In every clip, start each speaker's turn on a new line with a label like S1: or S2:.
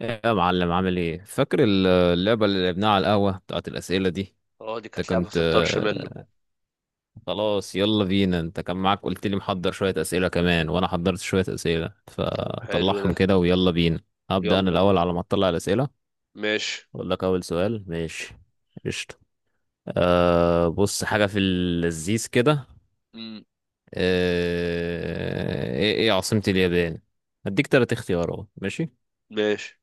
S1: ايه يا معلم، عامل ايه؟ فاكر اللعبة اللي لعبناها على القهوة بتاعت الأسئلة دي؟
S2: اه، دي
S1: انت
S2: كانت لعبة
S1: كنت
S2: في الطرش منه.
S1: خلاص يلا بينا. انت كان معاك، قلت لي محضر شوية أسئلة كمان وانا حضرت شوية أسئلة،
S2: طب حلو ده.
S1: فطلعهم كده ويلا بينا. هبدأ انا
S2: يلا بينا.
S1: الأول على ما اطلع الأسئلة.
S2: ماشي.
S1: اقول لك اول سؤال. ماشي، قشطة. أه بص، حاجة في اللذيذ كده.
S2: مم.
S1: أه ايه عاصمة اليابان؟ هديك تلات اختيارات. ماشي.
S2: ماشي.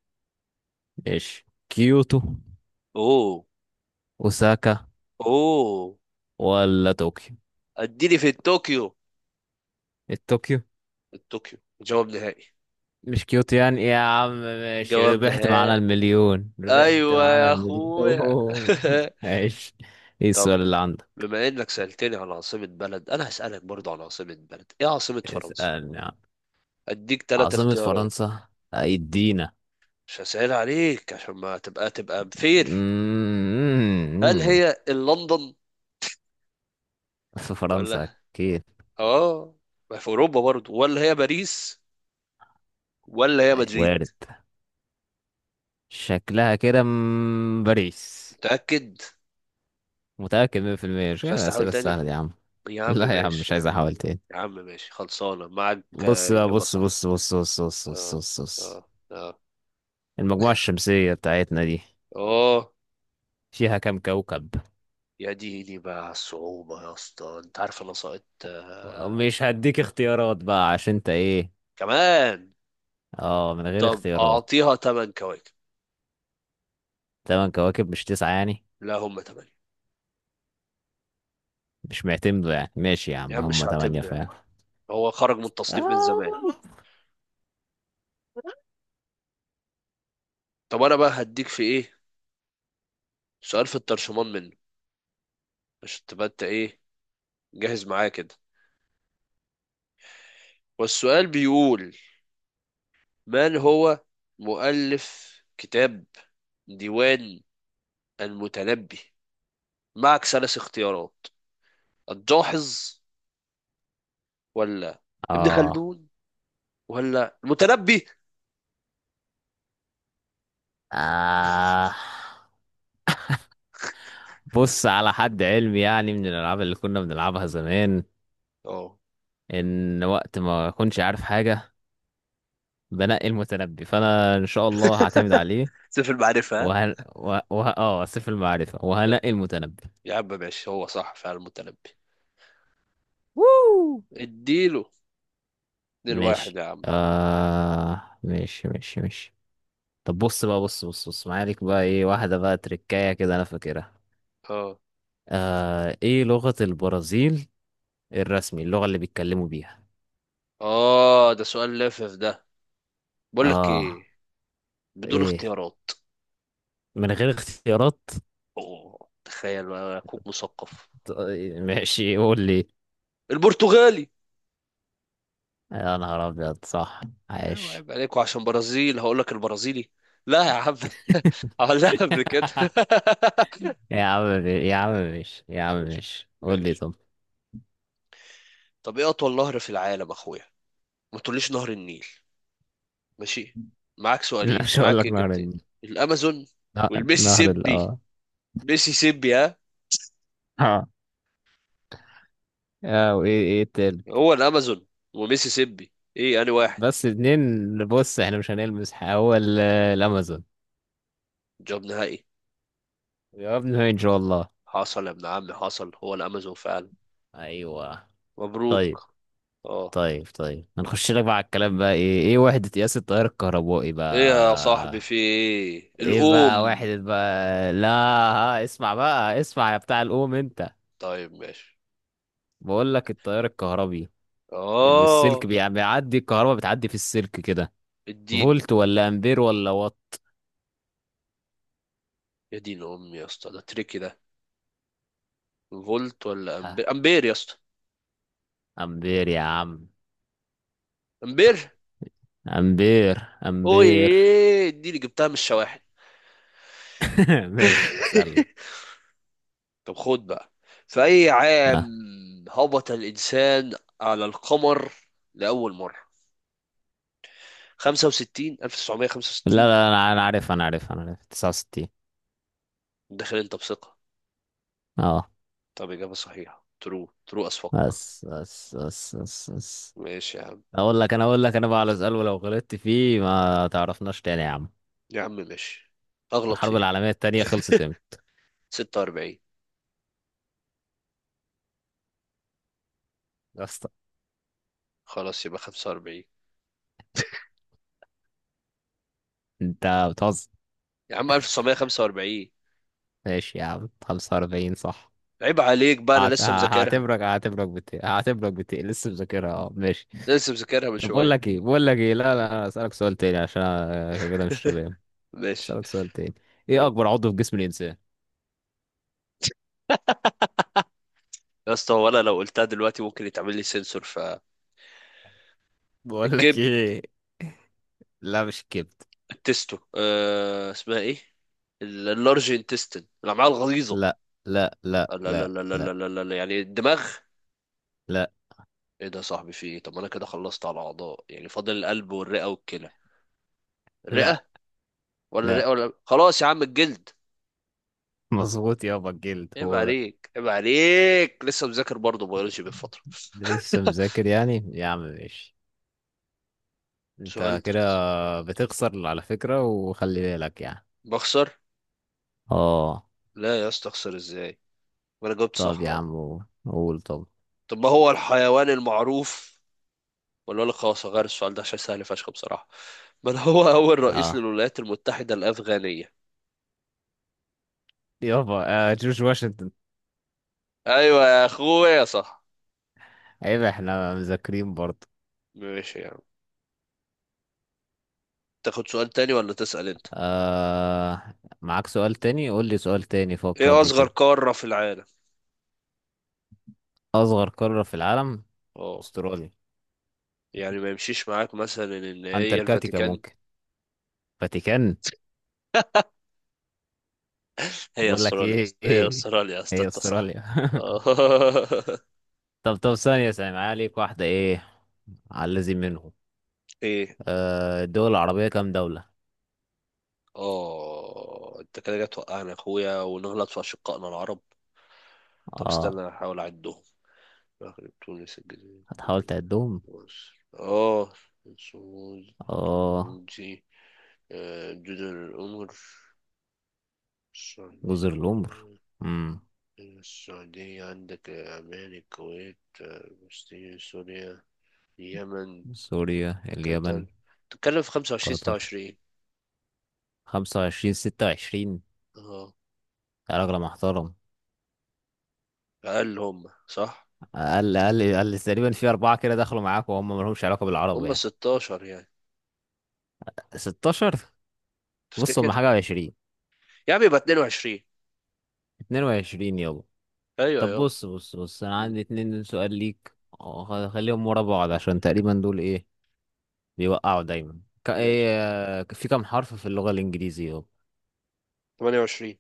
S1: ماشي، كيوتو؟
S2: اوه.
S1: اوساكا؟
S2: اوه.
S1: ولا طوكيو؟
S2: اديني في الطوكيو.
S1: طوكيو،
S2: الطوكيو جواب نهائي.
S1: مش كيوتو يعني يا عم. ماشي،
S2: جواب
S1: ربحت
S2: نهائي.
S1: معانا المليون، ربحت
S2: ايوه
S1: معانا
S2: يا اخويا.
S1: المليون. ماشي. ايه
S2: طب
S1: السؤال اللي عندك؟
S2: بما انك سألتني عن عاصمة بلد، انا هسألك برضو عن عاصمة بلد. ايه عاصمة فرنسا؟
S1: اسألني عن
S2: اديك ثلاث
S1: عاصمة
S2: اختيارات.
S1: فرنسا. ايدينا.
S2: مش هسهل عليك عشان ما تبقى بفير. هل
S1: مم.
S2: هي لندن
S1: في فرنسا؟
S2: ولا
S1: اكيد.
S2: اه ما في اوروبا برضو، ولا هي باريس، ولا هي مدريد؟
S1: وارد. شكلها كده باريس.
S2: متأكد؟
S1: متأكد 100%. مش
S2: مش
S1: كده
S2: عايز تحاول
S1: الأسئلة السهلة
S2: تاني؟
S1: دي يا عم.
S2: يا عم
S1: لا يا عم،
S2: ماشي
S1: مش
S2: يا
S1: عايز
S2: عم.
S1: احاول تاني.
S2: يا عم ماشي، خلصانة معاك.
S1: بص بقى،
S2: إجابة
S1: بص
S2: صحيحة.
S1: بص بص بص بص بص
S2: اه
S1: بص، بص.
S2: اه. اه
S1: المجموعة الشمسية بتاعتنا دي
S2: اه
S1: فيها كام كوكب؟
S2: يا ديني بقى على الصعوبة يا اسطى. انت عارف انا سقطت آه.
S1: مش هديك اختيارات بقى عشان انت ايه.
S2: كمان؟
S1: اه، من غير
S2: طب
S1: اختيارات.
S2: اعطيها تمن كواكب.
S1: تمن كواكب، مش تسعة يعني؟
S2: لا هم تمانية.
S1: مش معتمدوا يعني؟ ماشي يا
S2: يا
S1: عم،
S2: عم
S1: هم
S2: مش
S1: تمانية
S2: هعتمده يا عم.
S1: فعلا.
S2: هو خرج من التصنيف من
S1: اه،
S2: زمان. طب انا بقى هديك في ايه سؤال في الترشمان منه، عشان تبقى انت ايه جاهز معايا كده. والسؤال بيقول: من هو مؤلف كتاب ديوان المتنبي؟ معك ثلاث اختيارات: الجاحظ، ولا ابن
S1: اه.
S2: خلدون، ولا المتنبي؟
S1: آه بص، على حد علمي يعني، من الالعاب اللي كنا بنلعبها زمان،
S2: اه
S1: ان وقت ما اكونش عارف حاجه بنقي المتنبي، فانا ان شاء الله هعتمد عليه.
S2: سيف المعرفة ها.
S1: وه... وه... وه... اه سيف المعرفه، وهنقي المتنبي.
S2: يا عم ماشي، هو صح فعلا المتنبي.
S1: ووو
S2: اديله اتنين واحد
S1: ماشي.
S2: يا عم.
S1: آه ماشي ماشي ماشي. طب بص بقى، بص بص بص. معايا ليك بقى ايه، واحدة بقى تركاية كده انا فاكرها.
S2: اه
S1: آه، ايه لغة البرازيل الرسمي، اللغة اللي بيتكلموا بيها؟
S2: اه، ده سؤال لافف ده. بقول لك
S1: اه
S2: ايه، بدون
S1: ايه،
S2: اختيارات.
S1: من غير اختيارات؟
S2: اوه تخيل بقى، اخوك مثقف.
S1: طيب، ماشي قول لي.
S2: البرتغالي.
S1: يا نهار ابيض، صح!
S2: ايوه،
S1: عاش.
S2: عيب عليكوا. عشان برازيل هقول لك البرازيلي؟ لا يا عم. اه لا قبل كده.
S1: يا عم ماشي، يا عم
S2: ماشي
S1: ماشي، قول لي
S2: ماشي.
S1: طب.
S2: طب ايه اطول نهر في العالم اخويا؟ ما تقوليش نهر النيل. ماشي. معاك سؤالين،
S1: مش هقول
S2: معاك
S1: لك نهر
S2: اجابتين.
S1: النيل.
S2: الامازون
S1: نهر ال
S2: والميسيسيبي.
S1: اه
S2: ميسيسيبي ها.
S1: اه. آه، وايه ايه؟
S2: هو الامازون وميسيسيبي، ايه انا واحد؟
S1: بس اتنين، بص احنا مش هنلمس حاجة. هو الامازون.
S2: جواب نهائي.
S1: جوابنا ان شاء الله.
S2: حصل يا ابن عمي، حصل، هو الامازون فعلا.
S1: ايوه. طيب
S2: مبروك. اه.
S1: طيب طيب، هنخش لك بقى على الكلام بقى. ايه ايه وحدة قياس التيار الكهربائي
S2: ايه يا صاحبي،
S1: بقى؟
S2: في ايه
S1: ايه بقى
S2: الام؟
S1: وحدة بقى، لا. ها اسمع بقى، اسمع يا بتاع الام انت.
S2: طيب ماشي.
S1: بقول لك التيار الكهربي، اللي السلك
S2: اه
S1: بيعدي الكهرباء، بتعدي في السلك كده.
S2: الدين،
S1: فولت ولا امبير ولا وات؟
S2: يا دين امي يا اسطى، ده تريكي ده. فولت ولا
S1: ها،
S2: امبير؟ امبير يا اسطى.
S1: امبير يا عم.
S2: امبير.
S1: امبير.
S2: اوه،
S1: امبير.
S2: دي اللي جبتها من الشواحن.
S1: ماشي، اسأل.
S2: طب خد بقى. في أي عام هبط الإنسان على القمر لأول مرة؟ 65،
S1: لا
S2: 1965.
S1: لا، انا عارف، انا عارف، انا عارف 69.
S2: داخل أنت بثقة.
S1: اه.
S2: طب إجابة صحيحة. ترو ترو أس فك.
S1: بس بس بس بس بس.
S2: ماشي يا عم.
S1: اقول لك انا بقى على سؤال، ولو غلطت فيه ما تعرفناش تاني يا عم.
S2: يا عم ماشي، أغلط
S1: الحرب
S2: فيه.
S1: العالمية التانية خلصت امتى؟
S2: 46.
S1: يا اسطى،
S2: خلاص يبقى 45.
S1: انت بتهزر.
S2: يا عم 1945.
S1: ماشي يا عم، 45 صح.
S2: عيب عليك بقى، أنا
S1: هعت- ه-
S2: لسه مذاكرها.
S1: هعتبرك بت لسه مذاكرها. اه ماشي.
S2: لسه مذاكرها من
S1: طب بقول
S2: شوية.
S1: لك ايه، بقول لك ايه، لا لا، أنا اسالك سؤال تاني عشان أنا كده مش شباب.
S2: ماشي.
S1: اسالك سؤال تاني. ايه
S2: يا
S1: اكبر عضو في جسم الانسان؟
S2: اسطى، ولا لو قلتها دلوقتي ممكن يتعمل لي سنسور فالكبد.
S1: بقول لك ايه، لا مش كده.
S2: التستو اسمها ايه؟ اللارج انتستين، الامعاء الغليظه.
S1: لا لا لا
S2: لا لا
S1: لا
S2: لا لا
S1: لا
S2: لا لا لا لا. يعني الدماغ.
S1: لا
S2: ايه ده يا صاحبي، في ايه؟ طب ما انا كده خلصت على الاعضاء يعني، فاضل القلب والرئه والكلى.
S1: لا
S2: الرئه؟ ولا الرئه،
S1: لا.
S2: ولا خلاص يا عم الجلد.
S1: مظبوط يابا، الجلد
S2: عيب
S1: هو ده.
S2: عليك، عيب عليك، لسه مذاكر برضه بيولوجي بالفتره.
S1: لسه مذاكر يعني؟ يا عم ماشي.
S2: سؤال
S1: انت كده
S2: تركيز.
S1: بتخسر على فكرة، وخلي بالك يعني.
S2: بخسر؟
S1: اه.
S2: لا يا اسطى، اخسر ازاي وانا جاوبت
S1: طب
S2: صح
S1: يا
S2: اهو.
S1: عم قول. طب
S2: طب ما هو الحيوان المعروف، ولا اقول لك خلاص هغير السؤال ده عشان سهل فشخ بصراحة. من هو أول رئيس
S1: اه
S2: للولايات المتحدة الأفغانية؟
S1: يابا. آه، جورج واشنطن.
S2: أيوة يا أخويا صح.
S1: عيب، احنا مذاكرين برضه.
S2: ماشي يا عم. تاخد سؤال تاني ولا تسأل أنت؟
S1: آه، معاك سؤال تاني. قول لي سؤال تاني، فكر
S2: إيه
S1: لي
S2: أصغر
S1: كده.
S2: قارة في العالم؟
S1: اصغر قارة في العالم؟
S2: أه.
S1: استراليا.
S2: يعني ما يمشيش معاك مثلا إن هي
S1: انتاركتيكا
S2: الفاتيكان.
S1: ممكن. فاتيكان.
S2: هي
S1: بقول لك
S2: أستراليا يا
S1: ايه،
S2: اسطى. هي
S1: ايه،
S2: أستراليا يا اسطى،
S1: هي
S2: أنت صح.
S1: استراليا.
S2: آه.
S1: طب طب، ثانية ثانية، معايا ليك واحدة ايه، على الذي منهم.
S2: إيه؟
S1: آه، الدول العربية كام دولة؟
S2: أه أنت كده جاي توقعنا يا أخويا، ونغلط في أشقائنا العرب. طب
S1: اه،
S2: استنى أحاول أعدهم. المغرب، تونس، الجزائر،
S1: هتحاول
S2: ليبيا،
S1: تعدهم.
S2: مصر، اه، سعود،
S1: اه.
S2: جيبوتي، جزر القمر،
S1: جزر
S2: السعودية.
S1: القمر. امم.
S2: السعودية عندك، عمان، الكويت، فلسطين، سوريا، اليمن،
S1: سوريا اليمن.
S2: قطر. تتكلم في خمسة وعشرين ستة
S1: قطر.
S2: وعشرين.
S1: 25 26
S2: اه
S1: يا راجل محترم.
S2: أقل. هم صح
S1: أقل، أقل، أقل، تقريبا في أربعة كده دخلوا معاك وهم ملهمش علاقة بالعرب
S2: هم
S1: يعني.
S2: ستاشر يعني،
S1: 16. بص، هم
S2: تفتكر؟
S1: حاجة وعشرين.
S2: يا عم يبقى اتنين وعشرين.
S1: 22 يابا.
S2: أيوة
S1: طب
S2: يابا.
S1: بص بص بص، انا
S2: مم،
S1: عندي اتنين سؤال ليك. اه، خليهم ورا بعض عشان تقريبا دول ايه، بيوقعوا دايما ك... ايه.
S2: ماشي.
S1: آه، في كام حرف في اللغة الانجليزية اهو؟
S2: تمانية وعشرين.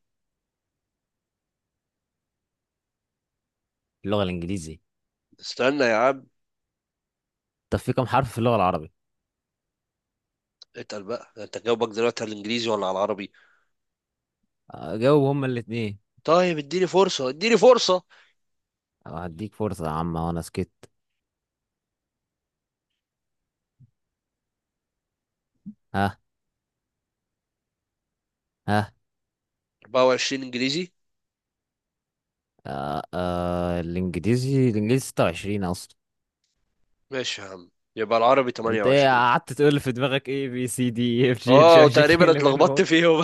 S1: اللغة الانجليزي.
S2: استنى يا عم.
S1: طب في كام حرف في اللغة العربي؟
S2: اتقل بقى، انت جاوبك دلوقتي على الانجليزي ولا على العربي؟
S1: اه، جاوب هما الاتنين.
S2: طيب اديني فرصة، اديني فرصة.
S1: اه، هديك فرصة يا عم وانا سكت. ها. ها.
S2: 24 انجليزي.
S1: آه آه، الانجليزي 26 اصلا.
S2: ماشي يا عم. يبقى العربي
S1: انت ايه
S2: 28.
S1: قعدت تقول في دماغك، ايه بي سي دي اف جي اتش
S2: اه،
S1: اي جي كي
S2: وتقريبا
S1: ال، من
S2: اتلخبطت
S1: هو.
S2: فيهم.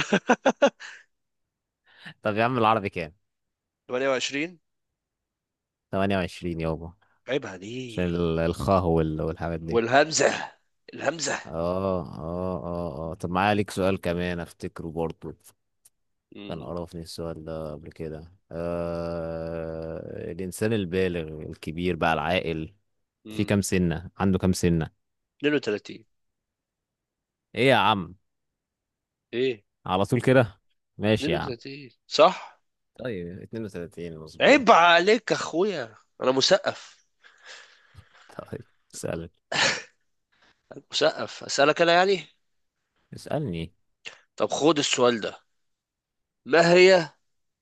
S1: طب يا عم، العربي كام؟
S2: 28.
S1: 28 يابا.
S2: عيب
S1: عشان
S2: عليك.
S1: الخاء والحاجات دي.
S2: والهمزة. الهمزة.
S1: اه اه طب معايا ليك سؤال كمان افتكره برضه. كان
S2: مم.
S1: قرفني السؤال ده قبل كده. آه، الانسان البالغ، الكبير بقى، العاقل، في
S2: مم.
S1: كام سنة، عنده كام سنة؟
S2: 32.
S1: ايه يا عم،
S2: ايه.
S1: على طول كده. ماشي يا عم.
S2: 32 صح.
S1: طيب 32 مظبوط.
S2: عيب عليك يا اخويا، انا مثقف.
S1: طيب اسألك.
S2: أنا مثقف اسالك انا يعني.
S1: اسألني.
S2: طب خد السؤال ده. ما هي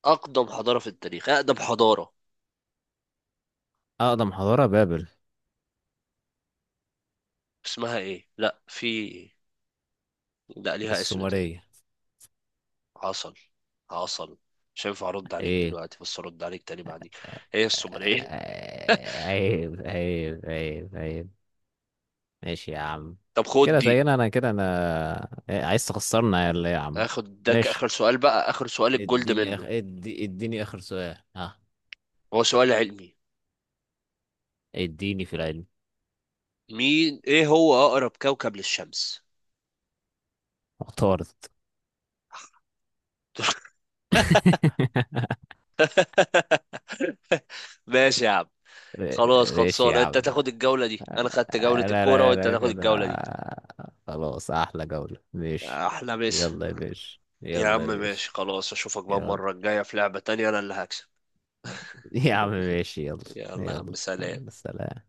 S2: اقدم حضارة في التاريخ؟ اقدم حضارة،
S1: اقدم حضارة، بابل.
S2: اسمها ايه؟ لا في، لا ليها اسم تاني.
S1: السومرية.
S2: عسل. عسل. مش هينفع ارد عليك
S1: ايه.
S2: دلوقتي، بس ارد عليك تاني بعدين. هي الصومالية.
S1: آه، عيب عيب عيب عيب. ماشي يا عم.
S2: طب خد
S1: كده
S2: دي.
S1: تقريبا انا كده انا عايز تخسرنا يا اللي يا عم.
S2: اخد ده اخر
S1: ماشي.
S2: سؤال بقى، اخر سؤال الجولد منه.
S1: اديني اخر سؤال. ها.
S2: هو سؤال علمي.
S1: اديني في العلم.
S2: مين ايه هو اقرب كوكب للشمس؟
S1: اختارت.
S2: ماشي يا عم. خلاص،
S1: ماشي يا
S2: خلصان، انت
S1: عم.
S2: تاخد الجولة دي. انا خدت جولة
S1: آه، لا
S2: الكورة
S1: لا
S2: وانت
S1: لا
S2: تاخد
S1: كده.
S2: الجولة دي.
S1: خلاص احلى جولة، ماشي.
S2: احلى مسا.
S1: يلا يا باشا،
S2: يا
S1: يلا
S2: عم
S1: يا
S2: ماشي
S1: باشا.
S2: خلاص. اشوفك بقى
S1: يلا.
S2: المرة الجاية في لعبة تانية، انا اللي هكسب.
S1: يا عم ماشي، يلا.
S2: يلا يا
S1: يلا.
S2: عم
S1: يلا
S2: سلام.
S1: سلام.